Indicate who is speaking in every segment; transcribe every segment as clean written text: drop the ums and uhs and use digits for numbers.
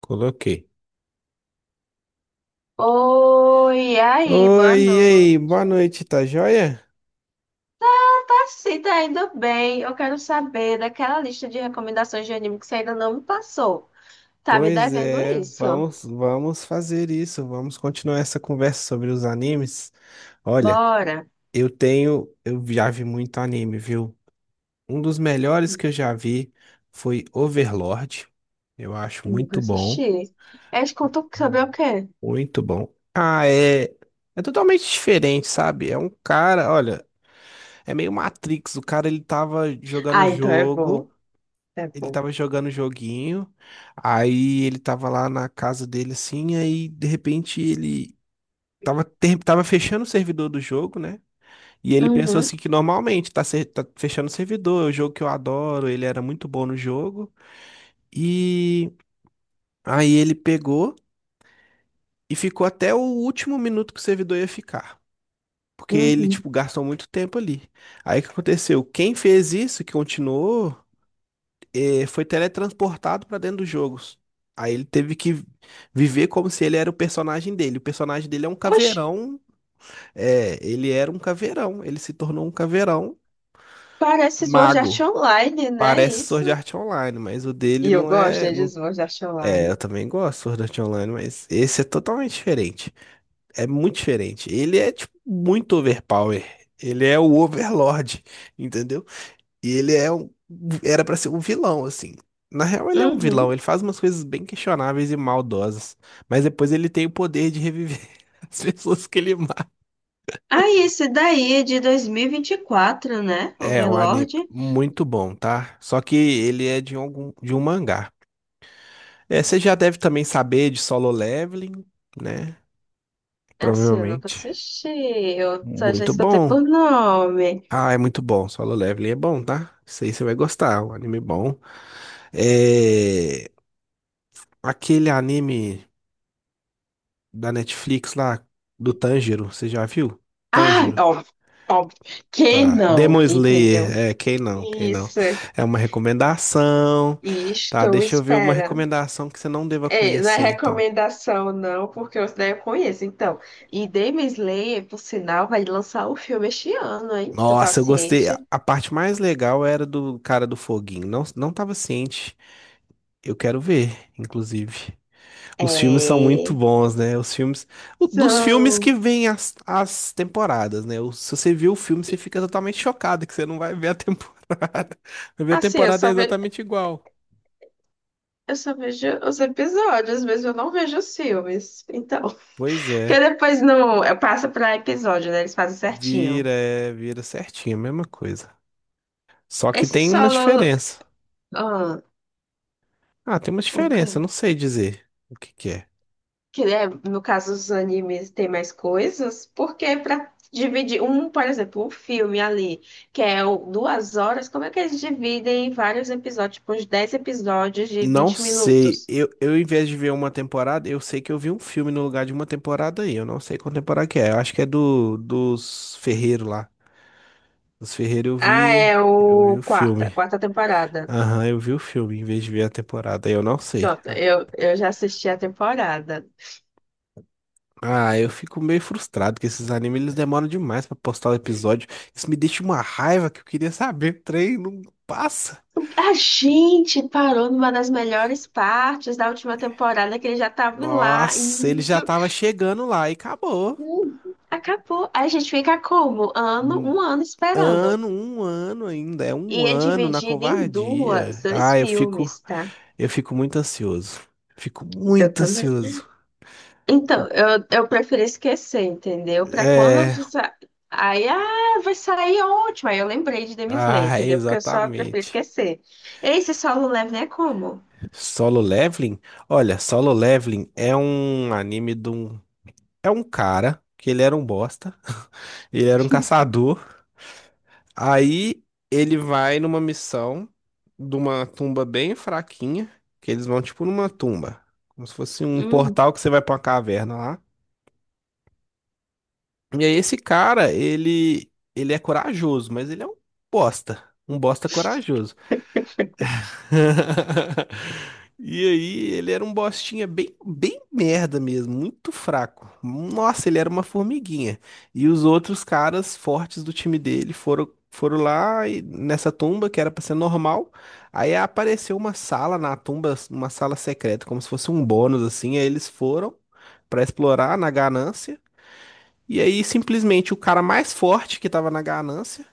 Speaker 1: Coloquei.
Speaker 2: Oi, e aí, boa
Speaker 1: Oi, e aí,
Speaker 2: noite.
Speaker 1: boa noite, tá joia?
Speaker 2: Tá sim, tá indo bem. Eu quero saber daquela lista de recomendações de anime que você ainda não me passou. Tá me
Speaker 1: Pois
Speaker 2: devendo
Speaker 1: é,
Speaker 2: isso.
Speaker 1: vamos fazer isso, vamos continuar essa conversa sobre os animes. Olha,
Speaker 2: Bora.
Speaker 1: eu já vi muito anime, viu? Um dos melhores que eu já vi foi Overlord. Eu acho
Speaker 2: Nunca
Speaker 1: muito bom,
Speaker 2: assisti. É contam sobre o quê?
Speaker 1: muito bom. Ah, é, é totalmente diferente, sabe? É um cara, olha, é meio Matrix, o cara ele tava jogando o
Speaker 2: Ah, então é bom.
Speaker 1: jogo.
Speaker 2: É
Speaker 1: Ele
Speaker 2: bom.
Speaker 1: tava jogando o joguinho, aí ele tava lá na casa dele assim, aí de repente ele tava fechando o servidor do jogo, né? E ele pensou
Speaker 2: Uhum,
Speaker 1: assim que normalmente tá fechando o servidor, é o jogo que eu adoro, ele era muito bom no jogo. E aí ele pegou e ficou até o último minuto que o servidor ia ficar. Porque ele,
Speaker 2: uhum.
Speaker 1: tipo, gastou muito tempo ali. Aí o que aconteceu? Quem fez isso, que continuou foi teletransportado pra dentro dos jogos. Aí ele teve que viver como se ele era o personagem dele. O personagem dele é um
Speaker 2: Oxe,
Speaker 1: caveirão. É, ele era um caveirão. Ele se tornou um caveirão
Speaker 2: parece Sword Art
Speaker 1: mago.
Speaker 2: Online, né?
Speaker 1: Parece Sword
Speaker 2: Isso.
Speaker 1: Art Online, mas o dele
Speaker 2: E eu
Speaker 1: não
Speaker 2: gosto
Speaker 1: é.
Speaker 2: né, de
Speaker 1: Não...
Speaker 2: Sword Art
Speaker 1: É,
Speaker 2: Online.
Speaker 1: eu também gosto de Sword Art Online, mas esse é totalmente diferente. É muito diferente. Ele é, tipo, muito overpower. Ele é o Overlord, entendeu? E ele é era pra ser um vilão, assim. Na real, ele é um vilão.
Speaker 2: Uhum.
Speaker 1: Ele faz umas coisas bem questionáveis e maldosas. Mas depois ele tem o poder de reviver as pessoas que ele mata.
Speaker 2: Ah, esse daí é de 2024, né?
Speaker 1: É um anime
Speaker 2: Overlord.
Speaker 1: muito bom, tá? Só que ele é de de um mangá. É, você já deve também saber de Solo Leveling, né?
Speaker 2: Assim, eu nunca
Speaker 1: Provavelmente.
Speaker 2: assisti, eu só já
Speaker 1: Muito
Speaker 2: escutei
Speaker 1: bom.
Speaker 2: por nome.
Speaker 1: Ah, é muito bom. Solo Leveling é bom, tá? Isso aí você vai gostar. É um anime bom. É... Aquele anime da Netflix lá, do Tanjiro, você já viu?
Speaker 2: Ah,
Speaker 1: Tanjiro,
Speaker 2: óbvio, óbvio. Quem
Speaker 1: tá.
Speaker 2: não,
Speaker 1: Demon Slayer,
Speaker 2: entendeu?
Speaker 1: é, quem não, quem não.
Speaker 2: Isso,
Speaker 1: É uma recomendação,
Speaker 2: e
Speaker 1: tá?
Speaker 2: estou
Speaker 1: Deixa eu ver uma
Speaker 2: esperando.
Speaker 1: recomendação que você não deva
Speaker 2: Ei, não é
Speaker 1: conhecer, então.
Speaker 2: recomendação, não, porque eu né, eu conheço. Então, e Demon Slayer, por sinal, vai lançar o filme este ano, hein? Tu tá
Speaker 1: Nossa, eu gostei. A
Speaker 2: ciente?
Speaker 1: a parte mais legal era do cara do foguinho. Não, não tava ciente. Eu quero ver, inclusive. Os filmes são muito
Speaker 2: É.
Speaker 1: bons, né? Os filmes. Dos filmes que
Speaker 2: São.
Speaker 1: vêm as temporadas, né? Se você viu o filme, você
Speaker 2: E,
Speaker 1: fica totalmente chocado que você não vai ver a temporada. Vai ver a
Speaker 2: assim, eu
Speaker 1: temporada é
Speaker 2: só vejo,
Speaker 1: exatamente igual.
Speaker 2: eu só vejo os episódios, mas eu não vejo os filmes. Então.
Speaker 1: Pois é.
Speaker 2: Porque depois no, passa passo pra episódio, né? Eles fazem certinho.
Speaker 1: Vira, é, vira certinho, a mesma coisa. Só que
Speaker 2: Esse
Speaker 1: tem uma
Speaker 2: solo.
Speaker 1: diferença.
Speaker 2: Ah,
Speaker 1: Ah, tem uma
Speaker 2: o que
Speaker 1: diferença, eu não sei dizer o que que é.
Speaker 2: que é, no caso, os animes tem mais coisas, porque pra dividir um, por exemplo, um filme ali, 2 horas, como é que eles dividem em vários episódios, tipo, uns 10 episódios de
Speaker 1: Não
Speaker 2: vinte
Speaker 1: sei.
Speaker 2: minutos?
Speaker 1: Em vez de ver uma temporada, eu sei que eu vi um filme no lugar de uma temporada aí. Eu não sei qual temporada que é. Eu acho que é do dos Ferreiro lá. Os Ferreira
Speaker 2: Ah, é
Speaker 1: eu vi
Speaker 2: o
Speaker 1: o
Speaker 2: quarta,
Speaker 1: filme.
Speaker 2: quarta temporada.
Speaker 1: Aham, eu vi o filme em vez de ver a temporada. Aí eu não sei.
Speaker 2: Pronto, eu já assisti a temporada.
Speaker 1: Eu fico meio frustrado que esses animes eles demoram demais pra postar o episódio. Isso me deixa uma raiva que eu queria saber. O trem não passa.
Speaker 2: A gente parou numa das melhores partes da última temporada, que ele já tava lá
Speaker 1: Nossa, ele já
Speaker 2: indo.
Speaker 1: tava chegando lá e acabou.
Speaker 2: Hum, Acabou. Aí a gente fica como?
Speaker 1: Um
Speaker 2: Um ano esperando.
Speaker 1: um ano ainda. É um
Speaker 2: E é
Speaker 1: ano na
Speaker 2: dividido em
Speaker 1: covardia.
Speaker 2: dois
Speaker 1: Ah,
Speaker 2: filmes, tá?
Speaker 1: eu fico muito ansioso. Fico
Speaker 2: Eu
Speaker 1: muito
Speaker 2: também.
Speaker 1: ansioso.
Speaker 2: Então, eu prefiro esquecer, entendeu? Pra quando.
Speaker 1: É,
Speaker 2: Aí, ah, vai sair ótimo. Aí eu lembrei de Demon Slayer,
Speaker 1: ah,
Speaker 2: entendeu? Porque eu só prefiro
Speaker 1: exatamente.
Speaker 2: esquecer. Esse solo leve é como?
Speaker 1: Solo Leveling? Olha, Solo Leveling é um anime de um. É um cara que ele era um bosta, ele era um caçador. Aí ele vai numa missão de uma tumba bem fraquinha, que eles vão tipo numa tumba, como se fosse um
Speaker 2: Hum.
Speaker 1: portal que você vai pra uma caverna lá. E aí esse cara, ele é corajoso, mas ele é bosta, um bosta corajoso. E aí, ele era um bostinha bem, bem merda mesmo, muito fraco. Nossa, ele era uma formiguinha. E os outros caras fortes do time dele foram lá nessa tumba que era pra ser normal. Aí apareceu uma sala na tumba, uma sala secreta, como se fosse um bônus assim. Aí eles foram pra explorar na ganância. E aí, simplesmente, o cara mais forte que tava na ganância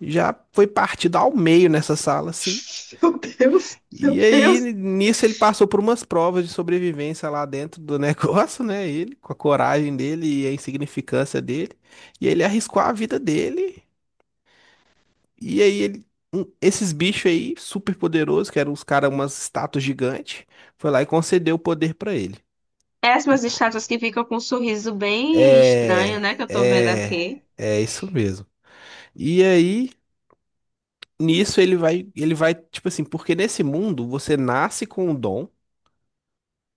Speaker 1: já foi partido ao meio nessa sala, assim.
Speaker 2: Meu Deus, meu
Speaker 1: E aí,
Speaker 2: Deus.
Speaker 1: nisso, ele passou por umas provas de sobrevivência lá dentro do negócio, né? Ele, com a coragem dele e a insignificância dele. E ele arriscou a vida dele. E aí, ele, esses bichos aí, super poderosos, que eram os caras, umas estátuas gigantes, foi lá e concedeu o poder pra ele.
Speaker 2: Péssimas estátuas que ficam com um sorriso bem
Speaker 1: É,
Speaker 2: estranho, né? Que eu tô vendo aqui.
Speaker 1: é, é isso mesmo. E aí, nisso ele vai, tipo assim, porque nesse mundo você nasce com um dom,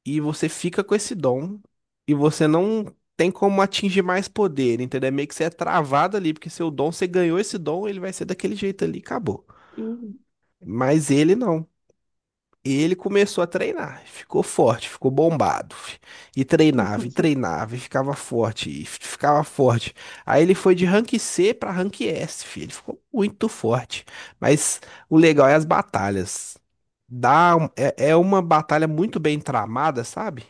Speaker 1: e você fica com esse dom e você não tem como atingir mais poder, entendeu? É meio que você é travado ali, porque seu dom, você ganhou esse dom, ele vai ser daquele jeito ali, acabou.
Speaker 2: Hum,
Speaker 1: Mas ele não. Ele começou a treinar, ficou forte, ficou bombado. Fi. E treinava, e treinava, e ficava forte, e ficava forte. Aí ele foi de rank C pra rank S, fi. Ele ficou muito forte. Mas o legal é as batalhas. É uma batalha muito bem tramada, sabe?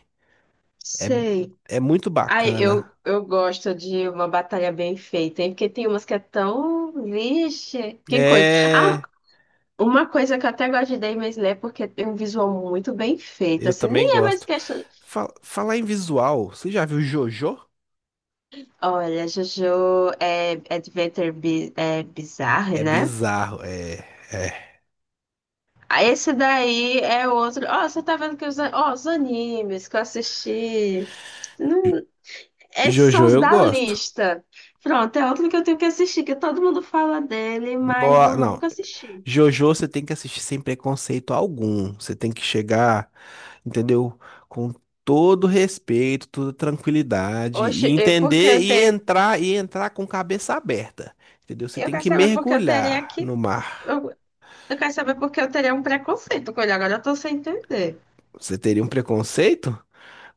Speaker 1: É,
Speaker 2: sei.
Speaker 1: é muito
Speaker 2: Ai, eu,
Speaker 1: bacana.
Speaker 2: eu gosto de uma batalha bem feita, hein? Porque tem umas que é tão. Vixe, que coisa. Ah,
Speaker 1: É,
Speaker 2: uma coisa que eu até gosto de Demon Slayer é porque tem um visual muito bem feito.
Speaker 1: eu
Speaker 2: Assim,
Speaker 1: também
Speaker 2: nem é mais
Speaker 1: gosto.
Speaker 2: questão.
Speaker 1: Falar em visual, você já viu Jojo?
Speaker 2: Olha, Jojo é Adventure bi é Bizarre,
Speaker 1: É
Speaker 2: né?
Speaker 1: bizarro, é, é.
Speaker 2: Ah, esse daí é outro. Ó, você tá vendo que ó, os animes que eu assisti. Não, esses são
Speaker 1: Jojo
Speaker 2: os
Speaker 1: eu
Speaker 2: da
Speaker 1: gosto.
Speaker 2: lista. Pronto, é outro que eu tenho que assistir, que todo mundo fala dele, mas
Speaker 1: No-
Speaker 2: eu
Speaker 1: não,
Speaker 2: nunca assisti.
Speaker 1: Jojo você tem que assistir sem preconceito algum. Você tem que chegar, entendeu? Com todo respeito, toda tranquilidade e
Speaker 2: Oxe, é porque
Speaker 1: entender
Speaker 2: eu tenho.
Speaker 1: e entrar com cabeça aberta, entendeu? Você
Speaker 2: Eu
Speaker 1: tem
Speaker 2: quero
Speaker 1: que
Speaker 2: saber porque eu teria
Speaker 1: mergulhar
Speaker 2: que.
Speaker 1: no
Speaker 2: Eu,
Speaker 1: mar.
Speaker 2: eu quero saber porque eu teria um preconceito com ele. Agora eu tô sem entender.
Speaker 1: Você teria um preconceito?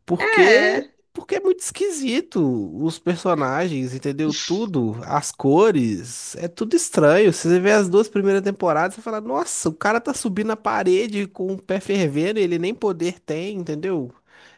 Speaker 1: Porque,
Speaker 2: É,
Speaker 1: porque é muito esquisito os personagens, entendeu? Tudo, as cores, é tudo estranho. Se você vê as duas primeiras temporadas, você fala, nossa, o cara tá subindo a parede com o pé fervendo, e ele nem poder tem, entendeu?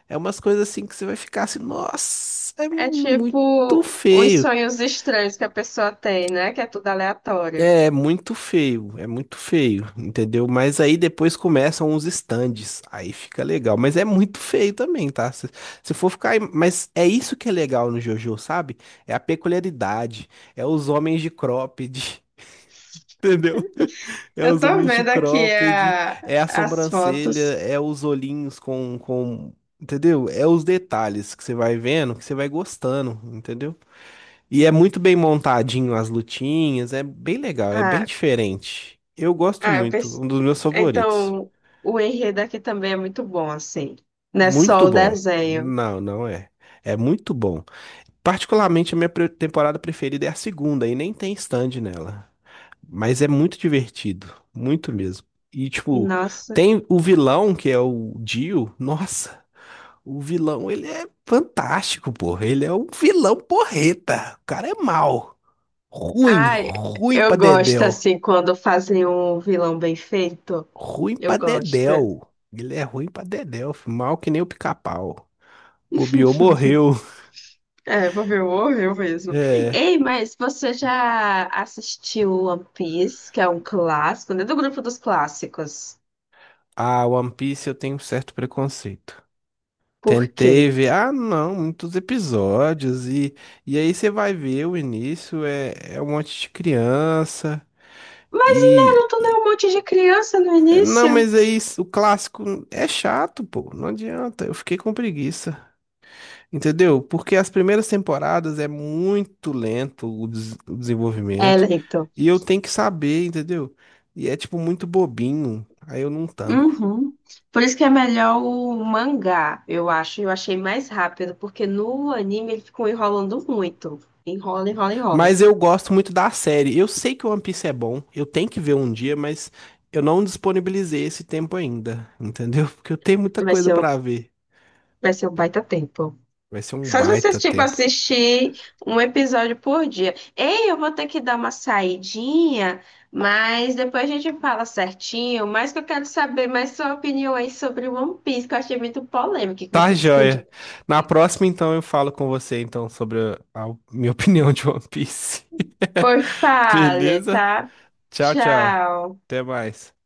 Speaker 1: É umas coisas assim que você vai ficar assim, nossa, é
Speaker 2: é
Speaker 1: muito
Speaker 2: tipo uns
Speaker 1: feio.
Speaker 2: sonhos estranhos que a pessoa tem, né? Que é tudo aleatório.
Speaker 1: É muito feio, é muito feio, entendeu? Mas aí depois começam os stands, aí fica legal. Mas é muito feio também, tá? Se for ficar. Mas é isso que é legal no JoJo, sabe? É a peculiaridade, é os homens de cropped, entendeu? É
Speaker 2: Eu
Speaker 1: os
Speaker 2: tô
Speaker 1: homens de
Speaker 2: vendo aqui
Speaker 1: cropped, é a
Speaker 2: as
Speaker 1: sobrancelha,
Speaker 2: fotos.
Speaker 1: é os olhinhos com. Entendeu? É os detalhes que você vai vendo, que você vai gostando, entendeu? E é muito bem montadinho as lutinhas, é bem legal, é bem
Speaker 2: Ah.
Speaker 1: diferente. Eu gosto
Speaker 2: Ah, eu
Speaker 1: muito,
Speaker 2: pense.
Speaker 1: um dos meus favoritos.
Speaker 2: Então, o enredo aqui também é muito bom, assim. Não é só
Speaker 1: Muito
Speaker 2: o
Speaker 1: bom.
Speaker 2: desenho.
Speaker 1: Não, não é. É muito bom. Particularmente a minha temporada preferida é a segunda e nem tem stand nela. Mas é muito divertido, muito mesmo. E tipo,
Speaker 2: Nossa.
Speaker 1: tem o vilão que é o Dio. Nossa, o vilão, ele é fantástico, porra. Ele é um vilão porreta. O cara é mau. Ruim,
Speaker 2: Ai,
Speaker 1: ruim pra
Speaker 2: eu gosto,
Speaker 1: dedéu.
Speaker 2: assim, quando fazem um vilão bem feito.
Speaker 1: Ruim pra
Speaker 2: Eu gosto.
Speaker 1: dedéu. Ele é ruim pra dedéu, fi, mal que nem o pica-pau. Bobeou, morreu.
Speaker 2: É, vou ver o horror mesmo.
Speaker 1: É.
Speaker 2: Ei, mas você já assistiu One Piece, que é um clássico, né? Do grupo dos clássicos.
Speaker 1: Ah, One Piece eu tenho um certo preconceito.
Speaker 2: Por quê?
Speaker 1: Tentei ver, ah, não, muitos episódios. E aí você vai ver o início, é, é um monte de criança.
Speaker 2: Mas e
Speaker 1: E.
Speaker 2: Naruto não é um monte de criança no
Speaker 1: Não,
Speaker 2: início?
Speaker 1: mas aí o clássico é chato, pô. Não adianta. Eu fiquei com preguiça. Entendeu? Porque as primeiras temporadas é muito lento o
Speaker 2: É,
Speaker 1: desenvolvimento
Speaker 2: lento.
Speaker 1: e eu tenho que saber, entendeu? E é tipo muito bobinho, aí eu não tanco.
Speaker 2: Uhum. Por isso que é melhor o mangá, eu acho. Eu achei mais rápido, porque no anime ele ficou enrolando muito. Enrola, enrola, enrola.
Speaker 1: Mas eu gosto muito da série. Eu sei que o One Piece é bom, eu tenho que ver um dia, mas eu não disponibilizei esse tempo ainda, entendeu? Porque eu tenho muita
Speaker 2: Vai
Speaker 1: coisa
Speaker 2: ser um,
Speaker 1: pra ver.
Speaker 2: vai ser um baita tempo.
Speaker 1: Vai ser um
Speaker 2: Só se vocês,
Speaker 1: baita
Speaker 2: tipo,
Speaker 1: tempo.
Speaker 2: assistir um episódio por dia. Ei, eu vou ter que dar uma saidinha, mas depois a gente fala certinho. Mas que eu quero saber mais sua opinião aí sobre One Piece, que eu achei muito polêmico que
Speaker 1: Tá,
Speaker 2: você
Speaker 1: joia.
Speaker 2: descreveu.
Speaker 1: Na próxima, então, eu falo com você então sobre a minha opinião de One Piece.
Speaker 2: Por fale,
Speaker 1: Beleza?
Speaker 2: tá?
Speaker 1: Tchau, tchau.
Speaker 2: Tchau.
Speaker 1: Até mais.